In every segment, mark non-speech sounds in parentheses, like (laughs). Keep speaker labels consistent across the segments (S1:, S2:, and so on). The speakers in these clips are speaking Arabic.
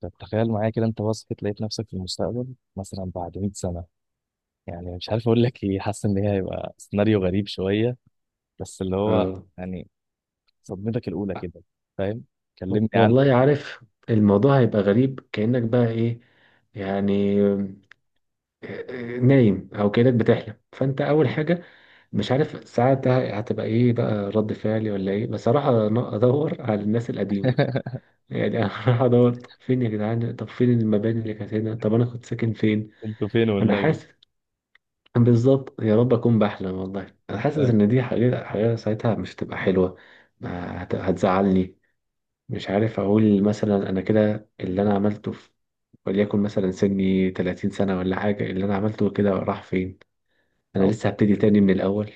S1: طب تخيل معايا كده انت بصحت لقيت نفسك في المستقبل مثلا بعد 100 سنة. مش عارف اقول لك ايه، حاسس ان هي هيبقى سيناريو غريب شوية. بس اللي هو
S2: اه،
S1: يعني صدمتك الأولى كده. فاهم؟ كلمني عن.
S2: والله عارف. الموضوع هيبقى غريب، كأنك بقى ايه يعني، نايم او كأنك بتحلم. فانت اول حاجة مش عارف ساعتها هتبقى ايه بقى رد فعلي ولا ايه، بس هروح ادور على الناس القديمة،
S1: (laughs)
S2: يعني. (laughs) هروح ادور فين يا جدعان؟ طب فين المباني اللي كانت هنا؟ طب انا كنت ساكن فين؟
S1: انتوا فين
S2: انا
S1: والنبي؟
S2: حاسس بالظبط، يا رب اكون بحلم. والله انا حاسس
S1: فاهم؟
S2: ان دي حاجة ساعتها مش هتبقى حلوة. هتزعلني. مش عارف اقول، مثلا انا كده اللي انا عملته في، وليكن مثلا سني 30 سنة ولا حاجة، اللي انا عملته كده راح فين؟ انا
S1: لا.
S2: لسه هبتدي تاني من الاول.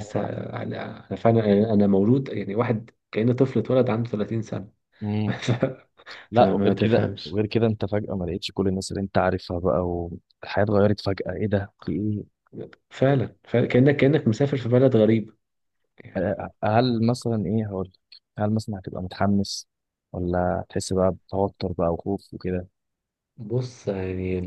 S1: والله راح.
S2: انا فعلا، انا مولود، يعني واحد كأنه طفل اتولد عنده 30 سنة.
S1: مم.
S2: (laughs) ف-
S1: لا، وغير
S2: فما
S1: كده
S2: تفهمش.
S1: وغير كده انت فجأة ما لقيتش كل الناس اللي انت عارفها بقى، والحياة اتغيرت فجأة. ايه ده؟ في ايه؟
S2: فعلا، فعلا كأنك مسافر في بلد غريب، يعني.
S1: هل مثلا، ايه هقول لك، هل مثلا هتبقى متحمس؟ ولا تحس بقى بتوتر بقى وخوف وكده؟
S2: بص، يعني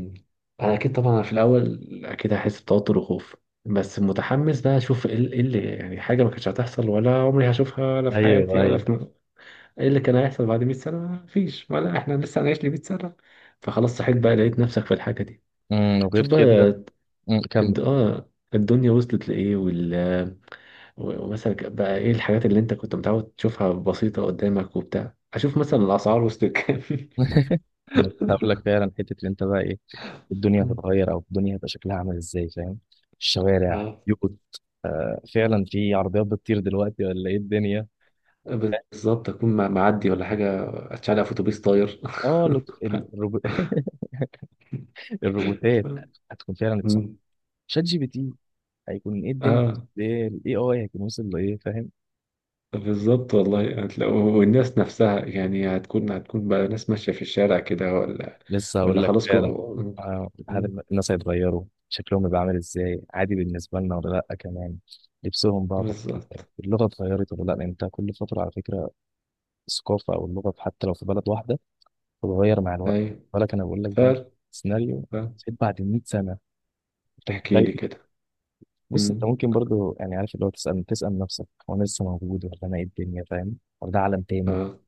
S2: انا اكيد طبعا في الاول اكيد هحس بتوتر وخوف، بس متحمس بقى اشوف ايه إيه اللي، يعني حاجه ما كانتش هتحصل ولا عمري هشوفها ولا في
S1: ايوه
S2: حياتي ولا
S1: ايوه.
S2: في، ايه اللي كان هيحصل بعد 100 سنه؟ مفيش، ولا احنا لسه هنعيش ل 100 سنه؟ فخلاص صحيت بقى، لقيت نفسك في الحاجه دي.
S1: امم، وغير
S2: شوف بقى
S1: كده. امم، كمل.
S2: الدنيا وصلت لايه، ومثلا بقى ايه الحاجات اللي انت كنت متعود تشوفها بسيطه قدامك وبتاع. اشوف مثلا الاسعار وصلت كام.
S1: (laughs) ما انا كنت هقول لك فعلا، حته اللي انت بقى ايه، الدنيا هتتغير؟
S2: (laughs)
S1: او الدنيا هتبقى شكلها عامل ازاي؟ فاهم؟ الشوارع
S2: اه،
S1: يقط. آه، فعلا في عربيات بتطير دلوقتي؟ ولا ايه الدنيا؟
S2: بالظبط اكون معدي ولا حاجه، اتشعلق في اتوبيس طاير.
S1: اه لو- ال- الروبو... (laughs) الروبوتات
S2: (laughs)
S1: هتكون فعلا اتصنعت.
S2: مم.
S1: شات جي بي تي هيكون ايه الدنيا؟
S2: اه
S1: ايه الاي اي هيكون وصل لايه؟ فاهم؟
S2: بالظبط، والله هتلاقوا، والناس نفسها يعني هتكون بقى ناس ماشيه في الشارع كده ولا
S1: لسه هقول
S2: ولا
S1: لك
S2: خلاص
S1: فعلا.
S2: مم.
S1: هل الناس هيتغيروا، شكلهم يبقى عامل ازاي عادي بالنسبه لنا ولا لا؟ كمان لبسهم بقى، طب
S2: بالظبط.
S1: اللغه اتغيرت ولا لا؟ لأن انت كل فتره على فكره، الثقافه او اللغه حتى لو في بلد واحده بتتغير مع الوقت.
S2: ايوه،
S1: بالك انا بقول لك بقى
S2: فعلا.
S1: سيناريو
S2: فعلا.
S1: سيد بعد 100 سنه. انت
S2: احكي لي
S1: متخيل؟
S2: كده.
S1: بص، انت
S2: مم.
S1: ممكن برضو عارف، اللي هو تسال نفسك: هو انا لسه موجود؟ ولا انا ايه الدنيا؟ فاهم؟ ولا ده عالم تاني؟
S2: اه،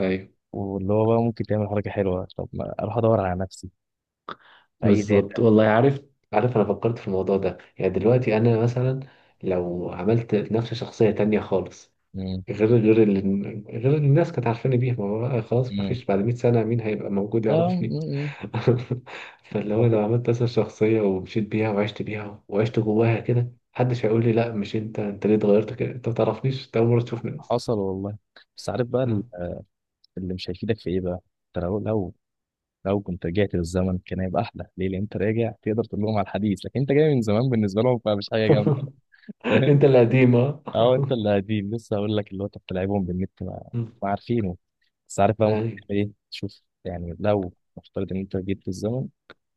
S2: ايوه،
S1: واللي هو بقى ممكن تعمل حركه حلوه، طب ما اروح ادور على نفسي في اي
S2: بالظبط.
S1: داتا؟
S2: والله عارف، انا فكرت في الموضوع ده، يعني دلوقتي انا مثلا لو عملت نفس شخصيه تانية خالص،
S1: مم.
S2: غير غير إن الناس كانت عارفاني بيها. ما هو بقى خلاص، ما فيش، بعد 100 سنة مين هيبقى موجود
S1: لا
S2: يعرفني؟
S1: م- م.
S2: (laughs) فاللي هو لو
S1: والله
S2: عملت مثلا شخصية ومشيت بيها وعشت بيها وعشت جواها كده، محدش هيقول لي لا، مش انت، انت ليه اتغيرت كده؟ انت ما تعرفنيش، انت اول مرة تشوفني اصلا.
S1: حصل والله. بس عارف بقى ال- اللي مش هيفيدك في ايه بقى. انت لو لو كنت رجعت للزمن كان هيبقى احلى، ليه؟ لان انت راجع تقدر تقول لهم على الحديث، لكن انت جاي من زمان بالنسبه لهم، فمش حاجه جامده.
S2: (laughs)
S1: فاهم؟
S2: انت القديم، اه.
S1: اه، انت اللي قديم. لسه هقول لك اللي هو انت بتلعبهم بالنت، ما,
S2: (laughs)
S1: ما عارفينه. بس عارف بقى ممكن
S2: اي،
S1: تعمل ايه؟ تشوف يعني لو نفترض ان انت رجعت للزمن،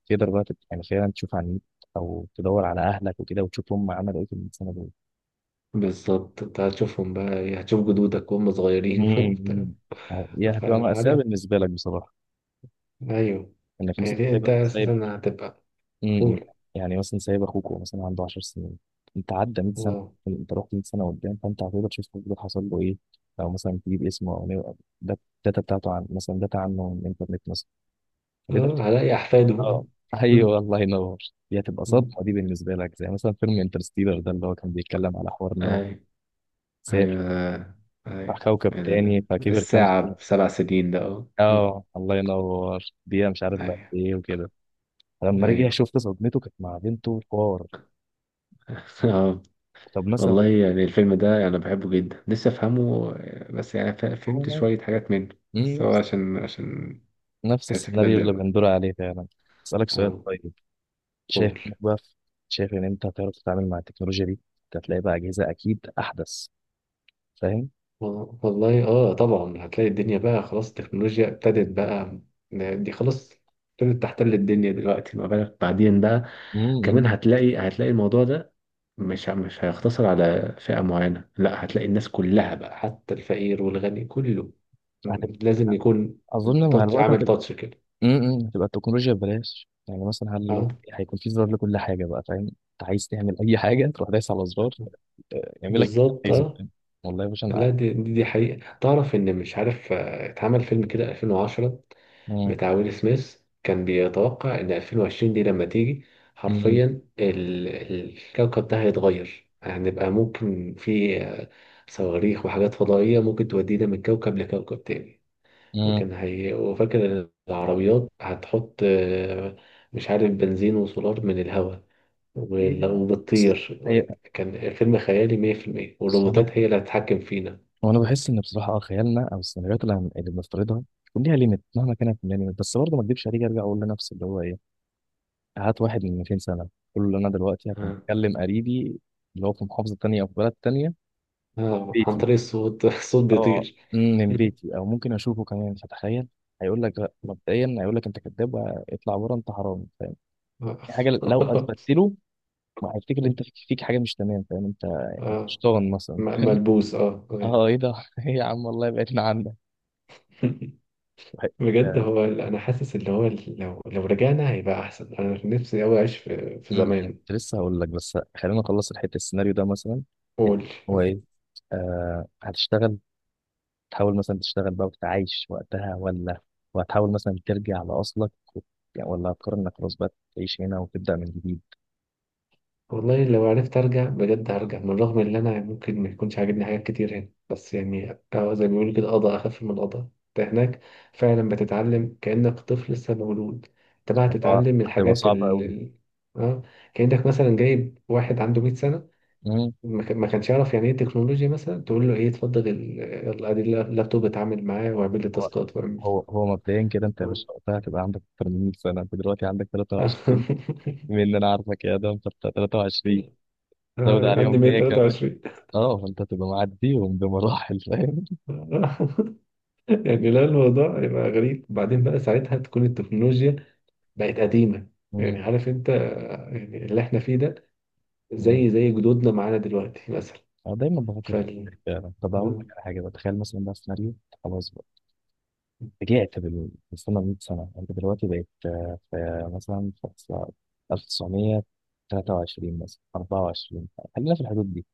S1: يعني فعلا تشوف على النت، او تدور على اهلك وكده وتشوف هم عملوا ايه في السنه دول.
S2: بالظبط. انت هتشوفهم بقى ايه، هتشوف جدودك وهم صغيرين (laughs) وبتاع.
S1: امم. يعني هتبقى مأساة
S2: فعارف،
S1: بالنسبة لك بصراحة،
S2: ايوه،
S1: انك مثلا
S2: يعني انت
S1: سايب
S2: اساسا هتبقى،
S1: م- م. يعني مثلا سايب اخوك وهو مثلا عنده 10 سنين، انت عدى 100 سنه،
S2: قول.
S1: انت رحت 100 سنه قدام، فانت هتقدر تشوف أخوك ده حصل له ايه. لو مثلا تجيب اسمه ده- داتا بتاعته، عن مثلا داتا عنه من الانترنت مثلا، فتقدر
S2: اه،
S1: تقول
S2: هلاقي احفاده،
S1: اه.
S2: اه. (laughs)
S1: ايوه، الله ينور. دي هتبقى
S2: مم.
S1: صدمه، دي بالنسبه لك زي مثلا فيلم انترستيلر ده، اللي هو كان بيتكلم على حوار انه
S2: أيوة،
S1: سافر
S2: أيوة،
S1: راح
S2: أيوة.
S1: كوكب تاني، فكبر كام
S2: الساعة
S1: سنه،
S2: بـ7 سنين ده، أه. (laughs) مم.
S1: اه الله ينور دقيقه مش عارف بقى
S2: أيوة،
S1: ايه وكده. فلما رجع،
S2: أيوة.
S1: شفت صدمته كانت مع بنته حوار.
S2: (laughs) أه،
S1: طب مثلا
S2: والله يعني الفيلم ده أنا بحبه جدا، لسه أفهمه، بس يعني
S1: هو
S2: فهمت
S1: أنا-
S2: شوية حاجات منه
S1: مم،
S2: بس، هو
S1: نفس
S2: عشان تحس كده
S1: السيناريو اللي
S2: اللي،
S1: بندور عليه فعلا. أسألك سؤال
S2: اه،
S1: طيب؟ شايف
S2: قول.
S1: إنك بقى في- شايف إن أنت هتعرف تتعامل مع التكنولوجيا دي؟ أنت هتلاقي بقى أجهزة أكيد أحدث. فاهم؟
S2: والله اه، طبعا هتلاقي الدنيا بقى خلاص، التكنولوجيا ابتدت بقى، دي خلاص ابتدت تحتل الدنيا دلوقتي، ما بالك بعدين بقى.
S1: امم،
S2: كمان هتلاقي الموضوع ده مش هيقتصر على فئة معينة، لا، هتلاقي الناس كلها بقى، حتى الفقير والغني كله
S1: هتبقى
S2: لازم يكون
S1: أظن مع
S2: تاتش،
S1: الوقت
S2: عامل
S1: هتبقى
S2: تاتش كده.
S1: إمم. هتبقى التكنولوجيا ببلاش. يعني مثلا هل لو
S2: اه،
S1: هيكون في زرار لكل حاجة بقى؟ فاهم؟ أنت عايز تعمل أي حاجة تروح دايس على زرار، يعمل لك اللي أنت
S2: بالظبط،
S1: عايزه.
S2: اه.
S1: فاهم؟ والله يا باشا أنا
S2: لا، دي حقيقة. تعرف ان مش عارف، اتعمل فيلم كده 2010
S1: مم،
S2: بتاع ويل سميث، كان بيتوقع إن 2020 دي لما تيجي،
S1: مم،
S2: حرفيا الكوكب ده هيتغير. هنبقى ممكن في، صواريخ وحاجات فضائية ممكن تودينا من كوكب لكوكب تاني.
S1: مم.
S2: وكان هي وفاكر إن العربيات هتحط، مش عارف، بنزين وسولار من الهواء، ولو بتطير.
S1: هي.
S2: كان فيلم خيالي 100%، والروبوتات هي اللي هتتحكم فينا.
S1: وانا بحس ان بصراحه اه خيالنا او السيناريوهات اللي بنفترضها بيكون ليها ليميت مهما كانت من ليميت، بس برضه ما اكدبش عليك ارجع اقول لنفسي اللي هو ايه، هات واحد من 200 سنه قول له انا دلوقتي هكون
S2: آه.
S1: بكلم قريبي اللي هو في محافظه تانية او في بلد تانية،
S2: عن
S1: بيتي،
S2: طريق الصوت. (laughs) الصوت
S1: اه
S2: بيطير.
S1: من بيتي،
S2: (laughs)
S1: او ممكن اشوفه كمان. فتخيل هيقول لك لا، مبدئيا هيقول لك انت كذاب واطلع بره، انت حرامي. فاهم؟ دي
S2: آه.
S1: حاجه لو
S2: (laughs)
S1: اثبتت له، ما هيفتكر ان انت فيك حاجه مش تمام. فاهم انت؟ أنت
S2: اه،
S1: شيطان مثلا. فاهم؟
S2: ملبوس، اه،
S1: (laughs)
S2: أوكي.
S1: اه ايه ده، (laughs) ايه يا عم والله بعدنا
S2: (laughs)
S1: عنك.
S2: بجد، هو انا حاسس اللي هو، لو رجعنا هيبقى احسن. انا نفسي اوي اعيش في
S1: امم، أنا
S2: زمان.
S1: كنت لسه هقول لك، بس خلينا نخلص الحته، السيناريو ده مثلا حتة-
S2: قول.
S1: هو ايه، هتشتغل؟ تحاول مثلا تشتغل بقى وتتعايش وقتها، ولا وهتحاول مثلا ترجع لاصلك و- ولا هتقرر انك خلاص بقى تعيش هنا وتبدا من جديد؟
S2: والله لو عرفت ارجع، بجد هرجع، من رغم ان انا ممكن ما يكونش عاجبني حاجات كتير هنا، بس يعني، زي ما بيقولوا كده، قضاء اخف من القضاء انت هناك. فعلا، بتتعلم كانك طفل لسه مولود. انت بقى
S1: هو
S2: هتتعلم
S1: هتبقى
S2: الحاجات
S1: صعبه
S2: ال
S1: قوي.
S2: اه كانك مثلا جايب واحد عنده 100 سنه،
S1: امم،
S2: ما كانش يعرف يعني ايه تكنولوجيا، مثلا تقول له ايه، اتفضل يلا ادي اللابتوب، اتعامل معاه واعمل لي
S1: هو
S2: تاسكات، واعمل.
S1: هو مبدئيا كده انت يا باشا وقتها هتبقى عندك اكتر من 100 سنه، انت دلوقتي عندك 23،
S2: (laughs)
S1: بما ان انا عارفك يا ادم فانت 23، زود
S2: عندي
S1: عليهم 100 كمان،
S2: 123.
S1: اه فانت هتبقى معديهم بمراحل. فاهم؟
S2: (laughs) يعني لا، الموضوع يبقى غريب. وبعدين بقى ساعتها تكون التكنولوجيا بقت قديمة، يعني عارف انت، يعني اللي احنا فيه ده،
S1: امم،
S2: زي جدودنا معانا دلوقتي مثلا
S1: انا دايما بفكر،
S2: فال
S1: يعني طب اقول لك
S2: مم.
S1: على حاجه بقى، تخيل مثلا ده سيناريو، أنت خلاص بقى رجعت بالسنه 100 سنه، انت دلوقتي بقيت في مثلا في سنة 1923 مثلا 24، خلينا في الحدود دي،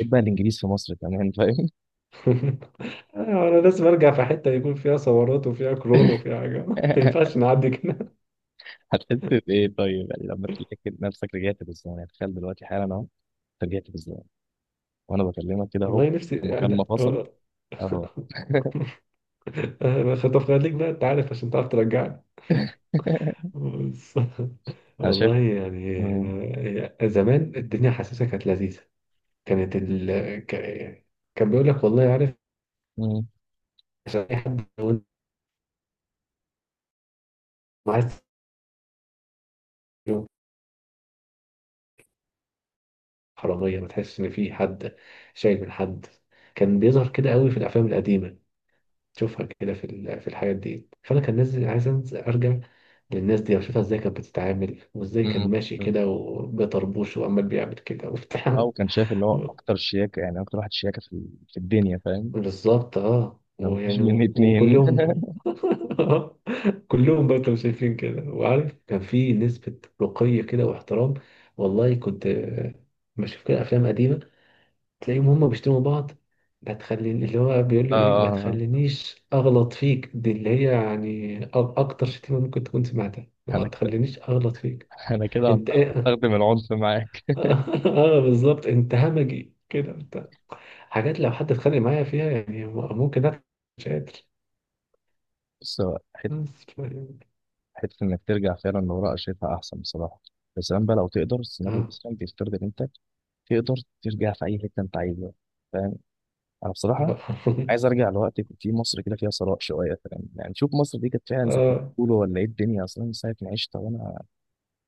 S1: ايه بقى الانجليز في مصر كمان. فاهم؟
S2: (laughs) انا لازم ارجع في حتة يكون فيها ثورات وفيها كورونا وفيها حاجة ما ينفعش،
S1: (laughs)
S2: نعدي.
S1: هتحس بايه طيب؟ يعني لما تلاقي نفسك رجعت بالزمن، يعني تخيل دلوقتي حالا اهو، أنت رجعت بالزمن وانا بكلمك كده اهو،
S2: والله نفسي، يعني
S1: المكالمه فصلت
S2: أنا.
S1: اهو.
S2: (laughs) خطف خليك بقى أنت عارف، عشان تعرف ترجعني
S1: (laughs)
S2: بس. (laughs)
S1: انا شايف.
S2: والله يعني،
S1: مم.
S2: زمان الدنيا حاسسها كانت لذيذة، كانت ك... كان بيقول لك، والله عارف،
S1: مم.
S2: عشان أي حد لو أنت عايز، حرامية، ما تحسش إن في حد شايل من حد. كان بيظهر كده قوي في الأفلام القديمة، تشوفها كده في في الحاجات دي. فانا كان نازل عايز أنزل ارجع للناس دي واشوفها ازاي كانت بتتعامل، وازاي كان ماشي
S1: مم.
S2: كده، وبيطربوش، وعمال بيعمل كده
S1: اه،
S2: وبتاع.
S1: وكان شايف اللي هو اكتر
S2: (laughs)
S1: شياكه، يعني اكتر واحد شياكه في ال- في الدنيا. فاهم؟
S2: بالظبط، اه،
S1: لو مفيش
S2: ويعني
S1: مني اتنين. (laughs)
S2: وكلهم، (laughs) كلهم برضه شايفين كده. وعارف، كان في نسبة رقي كده واحترام. والله كنت، بشوف كده افلام قديمة، تلاقيهم هما بيشتموا بعض، ما تخليني، اللي هو بيقول له ايه، ما
S1: آه،
S2: تخلينيش اغلط فيك. دي اللي هي يعني اكتر شتيمه ممكن تكون سمعتها، اللي هو
S1: انا
S2: ما
S1: كده
S2: تخلينيش اغلط فيك.
S1: انا كده
S2: انت
S1: هضطر
S2: ايه؟ (laughs)
S1: استخدم العنف معاك.
S2: اه، بالظبط، انت همجي كده انت. حاجات لو حد اتخانق معايا فيها يعني ممكن انا مش قادر
S1: بس هو حته
S2: بس ف-
S1: انك ترجع فعلا لورا شايفها احسن بصراحه، بس كمان بقى لو تقدر، السيناريو
S2: اه
S1: مثلا بيفترض ان انت تقدر ترجع في اي حته انت عايزها. فاهم؟ انا بصراحه
S2: اه
S1: عايز ارجع لوقت كان في مصر كده فيها ثراء شويه. فاهم؟ يعني شوف مصر دي كانت فعلا
S2: (laughs)
S1: زي ما
S2: آه.
S1: بيقولوا، ولا ايه الدنيا؟ اصلا من ساعه ما عشت وانا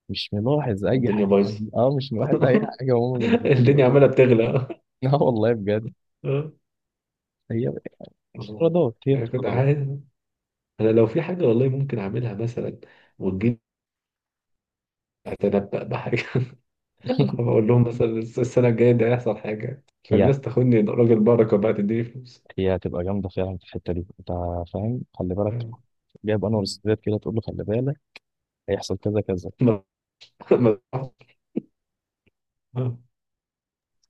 S1: مش ملاحظ اي
S2: الدنيا
S1: حاجه.
S2: بايظه.
S1: اه مش ملاحظ اي
S2: (laughs)
S1: حاجه، هما
S2: الدنيا
S1: بيقولوها.
S2: عماله بتغلى.
S1: اه (laughs) والله بجد.
S2: اه،
S1: هي
S2: والله
S1: افتراضات،
S2: يعني كنت
S1: افتراضات.
S2: عايز، انا لو في حاجه والله ممكن اعملها مثلا، وتجيب، هتنبأ بحاجة. (laughs) أنا
S1: (laughs)
S2: بقول لهم مثلا السنة الجاية دي هيحصل حاجة،
S1: هي
S2: فالناس تاخدني راجل بركة بقى، تديني فلوس.
S1: هي هتبقى جامده فعلا في الحته دي انت. فاهم؟ خلي بالك،
S2: (laughs)
S1: جايب انور السادات كده تقول له خلي بالك هيحصل كذا كذا.
S2: ما ما ما-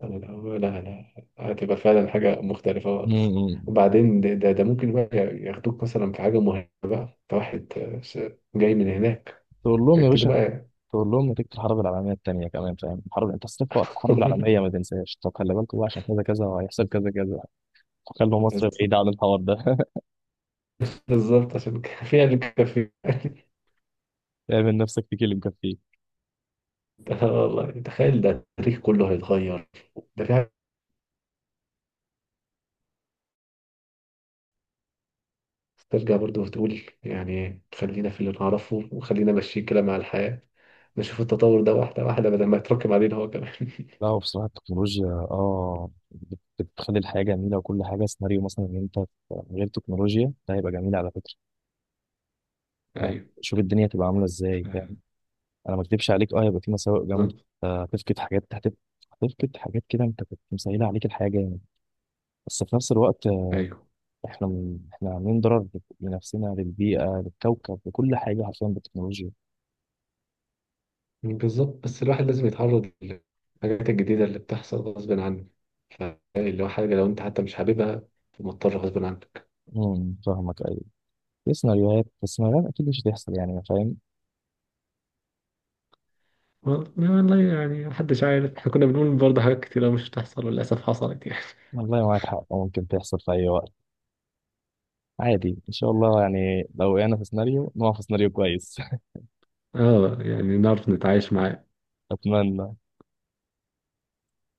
S2: أنا. (laughs) لا، لا، لا، لا، هتبقى فعلا حاجة مختلفة خالص.
S1: امم.
S2: وبعدين ده ممكن بقى ياخدوك مثلا في حاجة مهمة بقى، أنت واحد جاي من هناك،
S1: تقول لهم يا
S2: ابتدي
S1: باشا،
S2: بقى.
S1: تقول لهم نتيجه الحرب العالميه الثانيه كمان. فاهم الحرب؟ انت استفق الحرب العالميه ما
S2: (laughs)
S1: تنساش، طب خلي بالكوا بقى عشان كذا كذا وهيحصل كذا كذا. خلوا مصر بعيده عن الحوار ده. (laughs)
S2: بالظبط، عشان كان فيها اللي كان فيها.
S1: اعمل نفسك تكلم كفيل.
S2: (laughs) آه، والله تخيل، ده التاريخ كله هيتغير. ده في بس ترجع برضه وتقول يعني خلينا في اللي نعرفه، وخلينا ماشيين كده مع الحياة، نشوف التطور ده واحدة واحدة بدل ما يتراكم علينا هو كمان. (laughs)
S1: لا، هو بصراحة التكنولوجيا اه بتخلي الحياة جميلة وكل حاجة. سيناريو مثلا ان انت من غير تكنولوجيا ده هيبقى جميل على فكرة. يعني
S2: ايوه.
S1: شوف الدنيا هتبقى عاملة
S2: ف-
S1: ازاي. فاهم؟ انا ما اكدبش عليك اه هيبقى في مساوئ جامدة،
S2: بالظبط.
S1: هتفقد حاجات هتفقد حاجات كده انت كنت مسهلة عليك الحياة جامد. بس في نفس الوقت
S2: ايوه،
S1: احنا من... احنا عاملين ضرر لنفسنا، للبيئة، للكوكب، لكل حاجة حرفيا بالتكنولوجيا.
S2: بالظبط. بس الواحد لازم يتعرض للحاجات الجديدة اللي بتحصل غصب عنه. فاللي هو، حاجة لو أنت حتى مش حاببها، فمضطر غصب عنك.
S1: امم، فاهمك ايوه. في سيناريوهات، بس سيناريوهات اكيد مش هتحصل. يعني فاهم؟
S2: والله يعني محدش عارف، احنا كنا بنقول برضه حاجات كتيرة مش هتحصل، وللأسف حصلت، يعني.
S1: والله معاك حق ممكن تحصل في اي وقت عادي. ان شاء الله يعني لو وقعنا في سيناريو نقع في سيناريو كويس.
S2: (laughs) اه، يعني نعرف نتعايش مع
S1: (laughs) اتمنى.